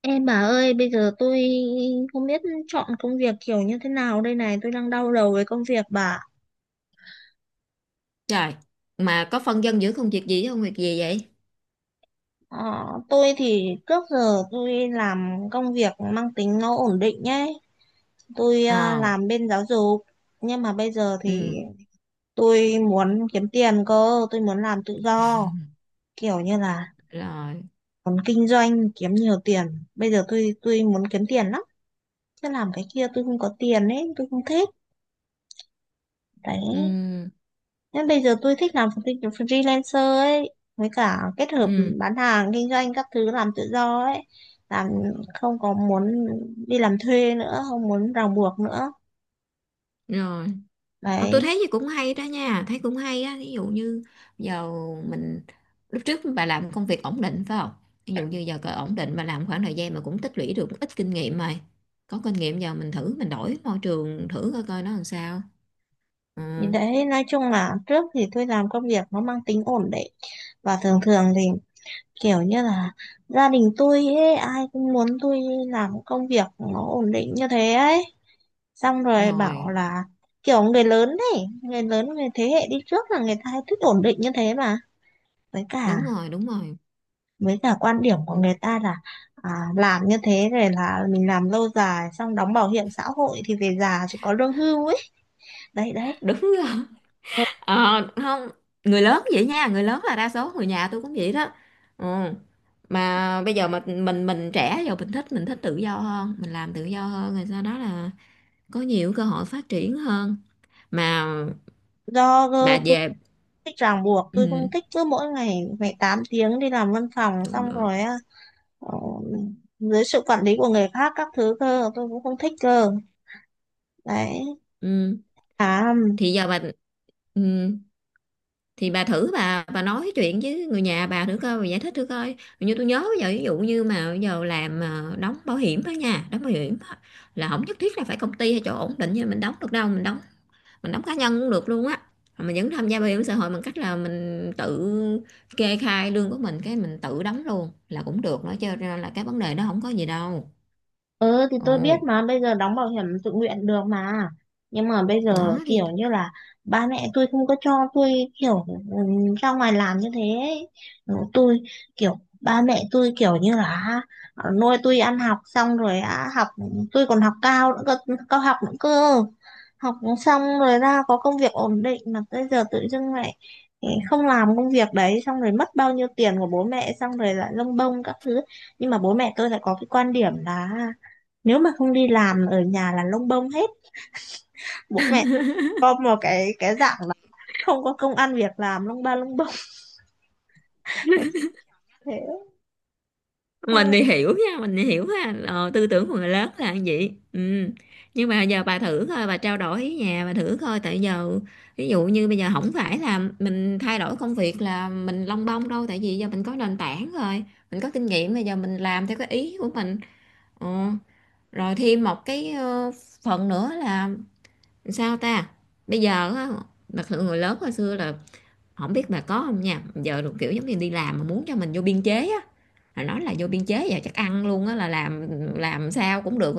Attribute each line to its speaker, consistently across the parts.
Speaker 1: Em bà ơi, bây giờ tôi không biết chọn công việc kiểu như thế nào đây này, tôi đang đau đầu với công việc bà.
Speaker 2: Trời, mà có phân dân giữa công việc gì với công việc gì vậy?
Speaker 1: Ờ, tôi thì trước giờ tôi làm công việc mang tính nó ổn định nhé. Tôi
Speaker 2: Ờ,
Speaker 1: làm bên giáo dục, nhưng mà bây giờ thì
Speaker 2: ừ,
Speaker 1: tôi muốn kiếm tiền cơ, tôi muốn làm tự do, kiểu như là
Speaker 2: rồi,
Speaker 1: muốn kinh doanh kiếm nhiều tiền. Bây giờ tôi muốn kiếm tiền lắm, chứ làm cái kia tôi không có tiền ấy, tôi không thích. Đấy.
Speaker 2: ừ,
Speaker 1: Nên bây giờ tôi thích làm freelancer ấy, với cả kết hợp
Speaker 2: ừ,
Speaker 1: bán hàng, kinh doanh các thứ làm tự do ấy, làm không có muốn đi làm thuê nữa, không muốn ràng buộc nữa.
Speaker 2: rồi. Ờ, tôi
Speaker 1: Đấy,
Speaker 2: thấy gì cũng hay đó nha, thấy cũng hay á. Ví dụ như giờ mình, lúc trước bà làm công việc ổn định phải không? Ví dụ như giờ cỡ ổn định mà làm khoảng thời gian mà cũng tích lũy được ít kinh nghiệm rồi. Có kinh nghiệm giờ mình thử, mình đổi môi trường thử coi coi nó làm sao. Ừ,
Speaker 1: thì đấy nói chung là trước thì tôi làm công việc nó mang tính ổn định và thường thường thì kiểu như là gia đình tôi ấy, ai cũng muốn tôi làm công việc nó ổn định như thế ấy. Xong rồi bảo
Speaker 2: rồi,
Speaker 1: là kiểu người lớn ấy, người lớn người thế hệ đi trước là người ta hay thích ổn định như thế mà. với cả
Speaker 2: đúng rồi, đúng rồi.
Speaker 1: với cả quan điểm của
Speaker 2: Ừ,
Speaker 1: người ta là làm như thế rồi là mình làm lâu dài xong đóng bảo hiểm xã hội thì về già chỉ có lương hưu ấy, đấy đấy.
Speaker 2: đúng rồi. Ờ, không, người lớn vậy nha, người lớn là đa số người nhà tôi cũng vậy đó, ừ. Mà bây giờ mà mình trẻ, giờ mình thích tự do hơn, mình làm tự do hơn, rồi sau đó là có nhiều cơ hội phát triển hơn mà. Bà
Speaker 1: Tôi không
Speaker 2: về
Speaker 1: thích ràng buộc, tôi không
Speaker 2: ừ,
Speaker 1: thích cứ mỗi ngày phải 8 tiếng đi làm văn phòng
Speaker 2: đúng
Speaker 1: xong
Speaker 2: rồi.
Speaker 1: rồi ờ, dưới sự quản lý của người khác các thứ cơ tôi cũng không thích cơ. Đấy.
Speaker 2: Ừ.
Speaker 1: À
Speaker 2: Thì giờ bà ừ, thì bà thử bà nói chuyện với người nhà bà thử coi, bà giải thích thử coi, như tôi nhớ bây giờ ví dụ như mà bây giờ làm đóng bảo hiểm đó nha, đóng bảo hiểm á, là không nhất thiết là phải công ty hay chỗ ổn định như mình đóng được đâu, mình đóng cá nhân cũng được luôn á. Mà mình vẫn tham gia bảo hiểm xã hội bằng cách là mình tự kê khai lương của mình, cái mình tự đóng luôn là cũng được nữa, cho nên là cái vấn đề đó không có gì đâu.
Speaker 1: Ừ thì tôi biết
Speaker 2: Ồ,
Speaker 1: mà bây giờ đóng bảo hiểm tự nguyện được mà, nhưng mà bây giờ
Speaker 2: nó thì
Speaker 1: kiểu như là ba mẹ tôi không có cho tôi, kiểu ừ, ra ngoài làm như thế ấy. Tôi kiểu ba mẹ tôi kiểu như là nuôi tôi ăn học xong rồi á, học tôi còn học cao nữa cơ, cao học nữa cơ, học xong rồi ra có công việc ổn định mà bây giờ tự dưng lại không làm công việc đấy xong rồi mất bao nhiêu tiền của bố mẹ xong rồi lại lông bông các thứ. Nhưng mà bố mẹ tôi lại có cái quan điểm là nếu mà không đi làm ở nhà là lông bông hết, bố mẹ có một cái dạng là không có công ăn việc làm lông ba lông bông thế.
Speaker 2: mình
Speaker 1: Xong,
Speaker 2: thì hiểu nha, mình thì hiểu ha, tư tưởng của người lớn là như vậy, ừ. Nhưng mà giờ bà thử coi, bà trao đổi với nhà bà thử coi, tại giờ ví dụ như bây giờ không phải là mình thay đổi công việc là mình lông bông đâu, tại vì giờ mình có nền tảng rồi, mình có kinh nghiệm, bây giờ mình làm theo cái ý của mình. Ờ, rồi thêm một cái phần nữa là, sao ta, bây giờ á, đặc sự người lớn hồi xưa là không biết bà có không nha, giờ được kiểu giống như đi làm mà muốn cho mình vô biên chế á, là nói là vô biên chế giờ chắc ăn luôn á, là làm sao cũng được,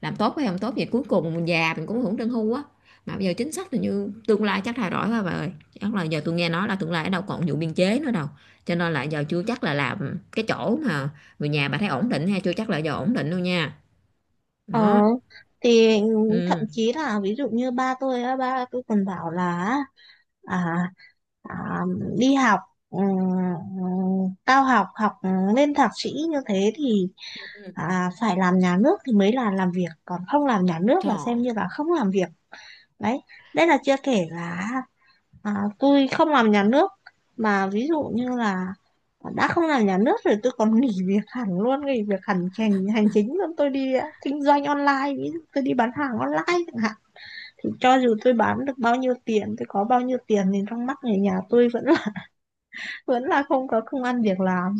Speaker 2: làm tốt hay không tốt vậy cuối cùng mình già mình cũng hưởng lương hưu á. Mà bây giờ chính sách là, như tương lai chắc thay đổi quá bà ơi, chắc là giờ tôi nghe nói là tương lai ở đâu còn vụ biên chế nữa đâu, cho nên là giờ chưa chắc là làm cái chỗ mà người nhà bà thấy ổn định, hay chưa chắc là giờ ổn định đâu nha,
Speaker 1: ờ,
Speaker 2: đó,
Speaker 1: thì thậm
Speaker 2: ừ.
Speaker 1: chí là ví dụ như ba tôi á, ba tôi còn bảo là à, à, đi học ừm, cao học học lên thạc sĩ như thế thì phải làm nhà nước thì mới là làm việc, còn không làm nhà nước là xem
Speaker 2: Trời,
Speaker 1: như là không làm việc. Đấy, đây là chưa kể là tôi không làm nhà nước mà ví dụ như là đã không làm nhà nước rồi tôi còn nghỉ việc hẳn luôn, nghỉ việc hẳn hành hành chính luôn, tôi đi kinh doanh online, ví dụ tôi đi bán hàng online chẳng hạn, thì cho dù tôi bán được bao nhiêu tiền, tôi có bao nhiêu tiền thì trong mắt người nhà tôi vẫn là vẫn là không có công ăn việc làm,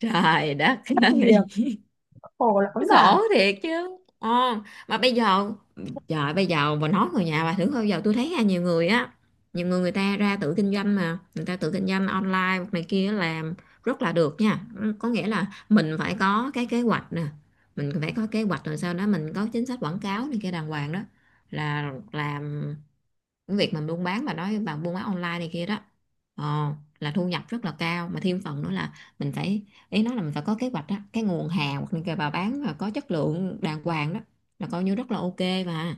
Speaker 2: trời đất
Speaker 1: thất nghiệp,
Speaker 2: ơi,
Speaker 1: khổ lắm bà.
Speaker 2: khổ thiệt chứ. Ờ, mà bây giờ, trời bây giờ bà nói người nhà bà thử coi, bây giờ tôi thấy ha, nhiều người á, nhiều người, người ta ra tự kinh doanh mà, người ta tự kinh doanh online này kia, làm rất là được nha. Ừ, có nghĩa là mình phải có cái kế hoạch nè, mình phải có kế hoạch rồi sau đó mình có chính sách quảng cáo này kia đàng hoàng đó, là làm cái việc mà buôn bán, bà nói bà buôn bán online này kia đó, ờ, là thu nhập rất là cao, mà thêm phần nữa là mình phải, ý nói là mình phải có kế hoạch đó, cái nguồn hàng hoặc là bà bán mà có chất lượng đàng hoàng đó, là coi như rất là ok mà.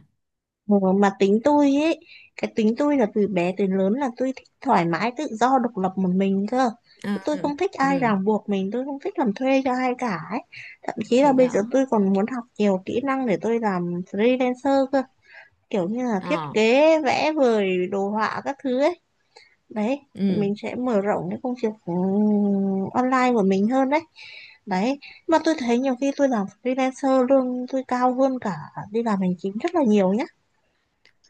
Speaker 1: Ừ, mà tính tôi ấy, cái tính tôi là từ bé tới lớn là tôi thích thoải mái tự do độc lập một mình cơ,
Speaker 2: Ừ,
Speaker 1: tôi không thích ai
Speaker 2: ừ,
Speaker 1: ràng buộc mình, tôi không thích làm thuê cho ai cả ấy. Thậm chí
Speaker 2: thì
Speaker 1: là bây giờ
Speaker 2: đó,
Speaker 1: tôi còn muốn học nhiều kỹ năng để tôi làm freelancer cơ, kiểu như là thiết
Speaker 2: ờ,
Speaker 1: kế vẽ vời đồ họa các thứ ấy. Đấy, thì
Speaker 2: ừ,
Speaker 1: mình sẽ mở rộng cái công việc online của mình hơn. Đấy, đấy, mà tôi thấy nhiều khi tôi làm freelancer lương tôi cao hơn cả đi làm hành chính rất là nhiều nhá.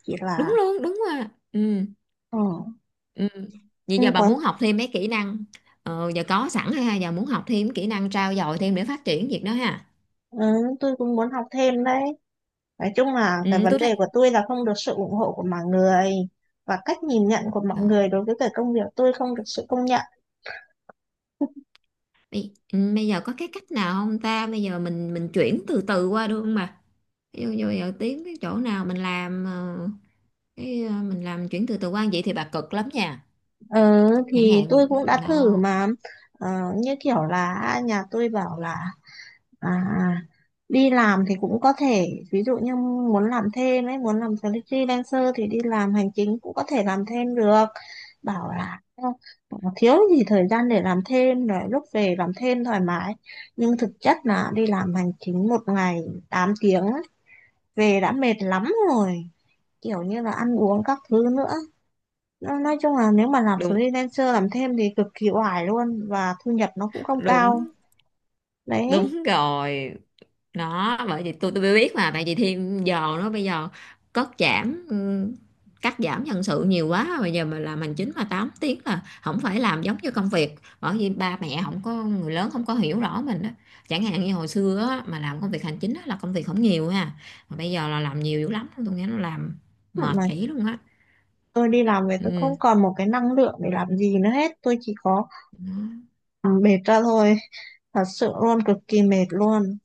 Speaker 1: Chỉ
Speaker 2: đúng
Speaker 1: là,
Speaker 2: luôn, đúng rồi, ừ,
Speaker 1: ừ,
Speaker 2: ừ. Vậy
Speaker 1: cũng
Speaker 2: giờ bà
Speaker 1: có,
Speaker 2: muốn học thêm mấy kỹ năng, giờ có sẵn ha, giờ muốn học thêm kỹ năng trau dồi thêm để phát triển việc đó ha.
Speaker 1: ừ, tôi cũng muốn học thêm đấy. Nói chung là cái
Speaker 2: Ừ,
Speaker 1: vấn
Speaker 2: tôi thấy.
Speaker 1: đề của tôi là không được sự ủng hộ của mọi người và cách nhìn nhận của mọi người đối với cái công việc, tôi không được sự công nhận.
Speaker 2: Bây giờ có cái cách nào không ta? Bây giờ mình chuyển từ từ qua được không bà? Ví dụ như bây giờ tiếng cái chỗ nào mình làm cái mình làm chuyển từ từ qua vậy thì bà cực lắm nha.
Speaker 1: Ừ,
Speaker 2: Chẳng
Speaker 1: thì
Speaker 2: hạn như-
Speaker 1: tôi cũng đã thử
Speaker 2: nó.
Speaker 1: mà. Ờ, như kiểu là nhà tôi bảo là À, à. đi làm thì cũng có thể ví dụ như muốn làm thêm ấy, muốn làm freelancer thì đi làm hành chính cũng có thể làm thêm được, bảo là "Ờ, thiếu gì thời gian để làm thêm, rồi lúc về làm thêm thoải mái", nhưng thực chất là đi làm hành chính một ngày 8 tiếng ấy, về đã mệt lắm rồi, kiểu như là ăn uống các thứ nữa. Nói chung là nếu mà làm
Speaker 2: Đúng,
Speaker 1: freelancer làm thêm thì cực kỳ oải luôn và thu nhập nó cũng không cao.
Speaker 2: đúng,
Speaker 1: Đấy,
Speaker 2: đúng rồi. Đó, bởi vì tôi mới biết mà, tại vì thêm giờ nó bây giờ cắt giảm ừ, cắt giảm nhân sự nhiều quá, bây giờ mà làm hành chính mà 8 tiếng là không phải làm giống như công việc, bởi vì ba mẹ không có, người lớn không có hiểu rõ mình đó, chẳng hạn như hồi xưa á, mà làm công việc hành chính á, là công việc không nhiều ha, mà bây giờ là làm nhiều dữ lắm, tôi nghe nó làm mệt
Speaker 1: mà
Speaker 2: kỹ luôn á.
Speaker 1: tôi đi làm về tôi không
Speaker 2: Ừ,
Speaker 1: còn một cái năng lượng để làm gì nữa hết, tôi chỉ có
Speaker 2: nó-
Speaker 1: ừ, mệt ra thôi, thật sự luôn cực kỳ mệt luôn,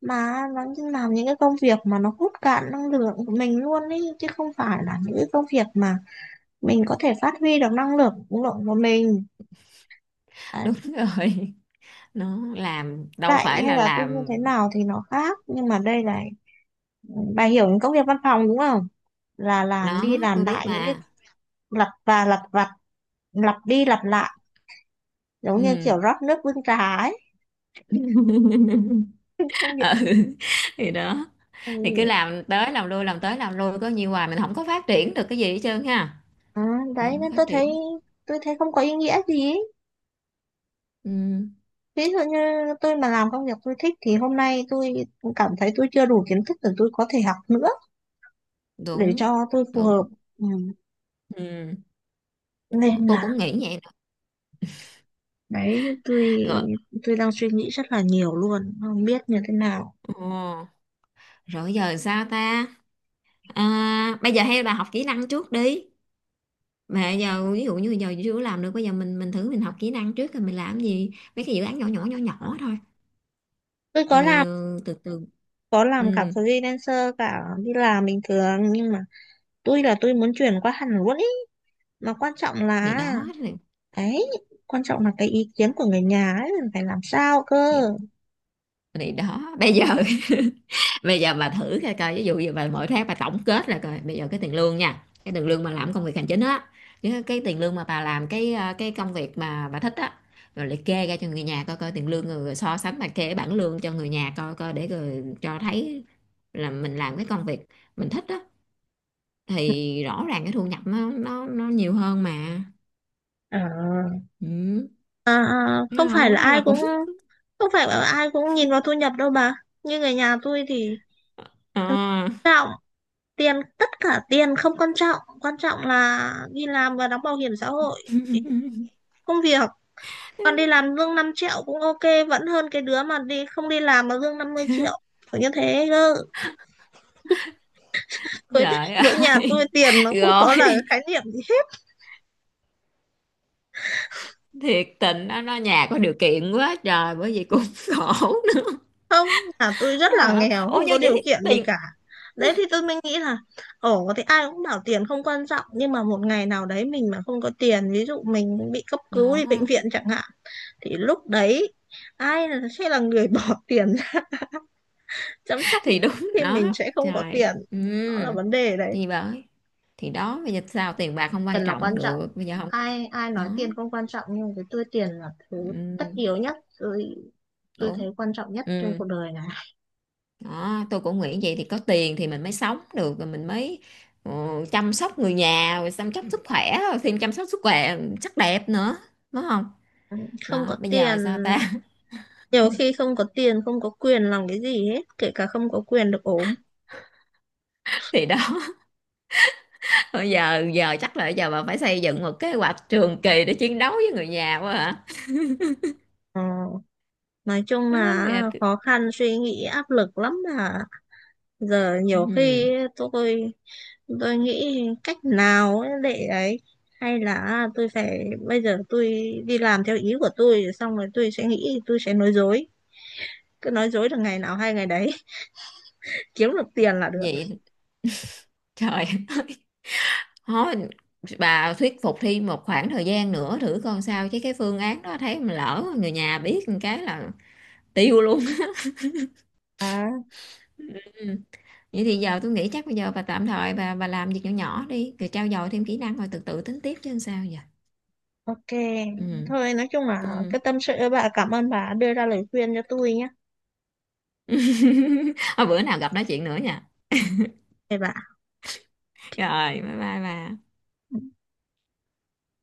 Speaker 1: mà nó như làm những cái công việc mà nó hút cạn năng lượng của mình luôn ý, chứ không phải là những cái công việc mà mình có thể phát huy được năng lượng lượng của mình. Đấy.
Speaker 2: đúng rồi, nó làm đâu
Speaker 1: Vậy
Speaker 2: phải
Speaker 1: hay
Speaker 2: là
Speaker 1: là tôi như
Speaker 2: làm,
Speaker 1: thế nào thì nó khác, nhưng mà đây là bà hiểu những công việc văn phòng đúng không, là làm đi
Speaker 2: nó
Speaker 1: làm
Speaker 2: tôi biết
Speaker 1: lại những cái
Speaker 2: mà.
Speaker 1: lặp và lặp vặt, lặp đi lặp lại, giống như
Speaker 2: Ừ,
Speaker 1: kiểu rót nước bưng trà ấy,
Speaker 2: ừ.
Speaker 1: công việc.
Speaker 2: Thì đó, thì cứ
Speaker 1: Ừ.
Speaker 2: làm tới làm lui làm tới làm lui, có nhiều hoài mình không có phát triển được cái gì hết trơn ha,
Speaker 1: à,
Speaker 2: mình
Speaker 1: Đấy
Speaker 2: không
Speaker 1: nên
Speaker 2: phát
Speaker 1: tôi thấy,
Speaker 2: triển.
Speaker 1: tôi thấy không có ý nghĩa gì ý.
Speaker 2: Ừ,
Speaker 1: Ví dụ như tôi mà làm công việc tôi thích thì hôm nay tôi cảm thấy tôi chưa đủ kiến thức để tôi có thể học nữa để
Speaker 2: đúng,
Speaker 1: cho tôi phù hợp.
Speaker 2: đúng,
Speaker 1: Ừ,
Speaker 2: ừ.
Speaker 1: nên
Speaker 2: Tôi
Speaker 1: là
Speaker 2: cũng nghĩ vậy đó.
Speaker 1: đấy tôi
Speaker 2: Rồi,
Speaker 1: tôi đang suy nghĩ rất là nhiều luôn, không biết như thế nào.
Speaker 2: ừ. Rồi giờ sao ta, à, bây giờ hay là học kỹ năng trước đi, mà giờ ví dụ như giờ chưa làm được, bây giờ mình thử mình học kỹ năng trước rồi mình làm gì mấy cái dự án nhỏ nhỏ nhỏ nhỏ thôi,
Speaker 1: Tôi có
Speaker 2: rồi
Speaker 1: làm,
Speaker 2: ờ, từ từ.
Speaker 1: có làm cả
Speaker 2: Ừ,
Speaker 1: freelancer cả đi làm bình thường nhưng mà tôi là tôi muốn chuyển qua hẳn luôn ý, mà quan trọng
Speaker 2: thì
Speaker 1: là,
Speaker 2: đó,
Speaker 1: đấy, quan trọng là cái ý kiến của người nhà ấy, mình phải làm sao cơ.
Speaker 2: thì thì đó bây giờ bây giờ bà thử coi coi, ví dụ như bà mỗi tháng bà tổng kết là coi bây giờ cái tiền lương nha, cái tiền lương mà làm công việc hành chính á, với cái tiền lương mà bà làm cái công việc mà bà thích á, rồi liệt kê ra cho người nhà coi coi tiền lương, rồi rồi so sánh, liệt kê cái bảng lương cho người nhà coi coi để rồi cho thấy là mình làm cái công việc mình thích á thì rõ ràng cái thu nhập nó nhiều hơn mà.
Speaker 1: À,
Speaker 2: Ừ, thấy
Speaker 1: không
Speaker 2: không,
Speaker 1: phải
Speaker 2: cái
Speaker 1: là
Speaker 2: đó
Speaker 1: ai
Speaker 2: là cũng
Speaker 1: cũng, không phải là ai cũng nhìn vào thu nhập đâu bà. Như người nhà tôi thì không
Speaker 2: ờ.
Speaker 1: quan trọng tiền, tất cả tiền không quan trọng, quan trọng là đi làm và đóng bảo hiểm xã hội, công việc. Còn đi làm lương 5 triệu cũng ok, vẫn hơn cái đứa mà đi không đi làm mà lương 50 triệu. Kiểu như thế cơ. Với
Speaker 2: Trời
Speaker 1: với nhà tôi
Speaker 2: ơi,
Speaker 1: tiền nó không có là cái
Speaker 2: rồi,
Speaker 1: khái niệm gì.
Speaker 2: thiệt tình nó nhà có điều kiện quá trời, bởi vì cũng khổ nữa.
Speaker 1: Không, nhà tôi rất là
Speaker 2: Hả?
Speaker 1: nghèo,
Speaker 2: Ủa,
Speaker 1: không
Speaker 2: như
Speaker 1: có
Speaker 2: vậy
Speaker 1: điều
Speaker 2: thì
Speaker 1: kiện gì
Speaker 2: tiền.
Speaker 1: cả. Đấy thì tôi mới nghĩ là, ồ thì ai cũng bảo tiền không quan trọng, nhưng mà một ngày nào đấy mình mà không có tiền, ví dụ mình bị cấp cứu đi bệnh
Speaker 2: Đó
Speaker 1: viện chẳng hạn, thì lúc đấy sẽ là người bỏ tiền ra chăm sóc mình
Speaker 2: thì đúng,
Speaker 1: khi mình
Speaker 2: đó,
Speaker 1: sẽ không có
Speaker 2: trời,
Speaker 1: tiền.
Speaker 2: ừ.
Speaker 1: Đó là vấn đề đấy.
Speaker 2: Thì bởi, thì đó, bây giờ sao tiền bạc không
Speaker 1: Tiền
Speaker 2: quan
Speaker 1: là
Speaker 2: trọng
Speaker 1: quan trọng,
Speaker 2: được, bây giờ không.
Speaker 1: ai ai
Speaker 2: Đó,
Speaker 1: nói tiền không quan trọng nhưng với tôi tiền là thứ tất
Speaker 2: ừ.
Speaker 1: yếu nhất, tôi
Speaker 2: Đúng,
Speaker 1: thấy quan trọng nhất trên
Speaker 2: ừ.
Speaker 1: cuộc đời này.
Speaker 2: Đó, tôi cũng nghĩ vậy, thì có tiền thì mình mới sống được, rồi mình mới ờ, chăm sóc người nhà, rồi chăm sóc sức khỏe, rồi thêm chăm sóc sức khỏe sắc đẹp nữa, đúng không?
Speaker 1: Không
Speaker 2: Đó,
Speaker 1: có
Speaker 2: bây giờ
Speaker 1: tiền,
Speaker 2: sao ta.
Speaker 1: nhiều khi không có tiền, không có quyền làm cái gì hết, kể cả không có quyền được ốm.
Speaker 2: Thì đó, bây giờ giờ chắc là giờ bà phải xây dựng một kế hoạch trường kỳ để chiến đấu với người nhà quá hả?
Speaker 1: Ờ, nói chung
Speaker 2: Đó,
Speaker 1: là khó khăn, suy nghĩ, áp lực lắm mà. Giờ nhiều khi tôi tôi nghĩ cách nào ấy để ấy, hay là tôi phải bây giờ tôi đi làm theo ý của tôi xong rồi tôi sẽ nghĩ, tôi sẽ nói dối, cứ nói dối được ngày nào hay ngày đấy, kiếm được tiền là được.
Speaker 2: vậy, trời. Thôi, bà thuyết phục Thi một khoảng thời gian nữa thử coi sao, chứ cái phương án đó thấy mà lỡ người nhà biết một cái là tiêu luôn.
Speaker 1: à
Speaker 2: Ừm, Vậy thì giờ tôi nghĩ chắc bây giờ bà tạm thời bà làm việc nhỏ nhỏ đi, rồi trau dồi thêm kỹ năng rồi từ từ tính tiếp chứ sao giờ.
Speaker 1: ok,
Speaker 2: Ừ.
Speaker 1: thôi nói chung là
Speaker 2: Ừ.
Speaker 1: cái tâm sự, bà cảm ơn bà đưa ra lời khuyên cho tôi nhé.
Speaker 2: Thôi bữa nào gặp nói chuyện nữa nha.
Speaker 1: Thế bà
Speaker 2: Rồi, bye bye bà.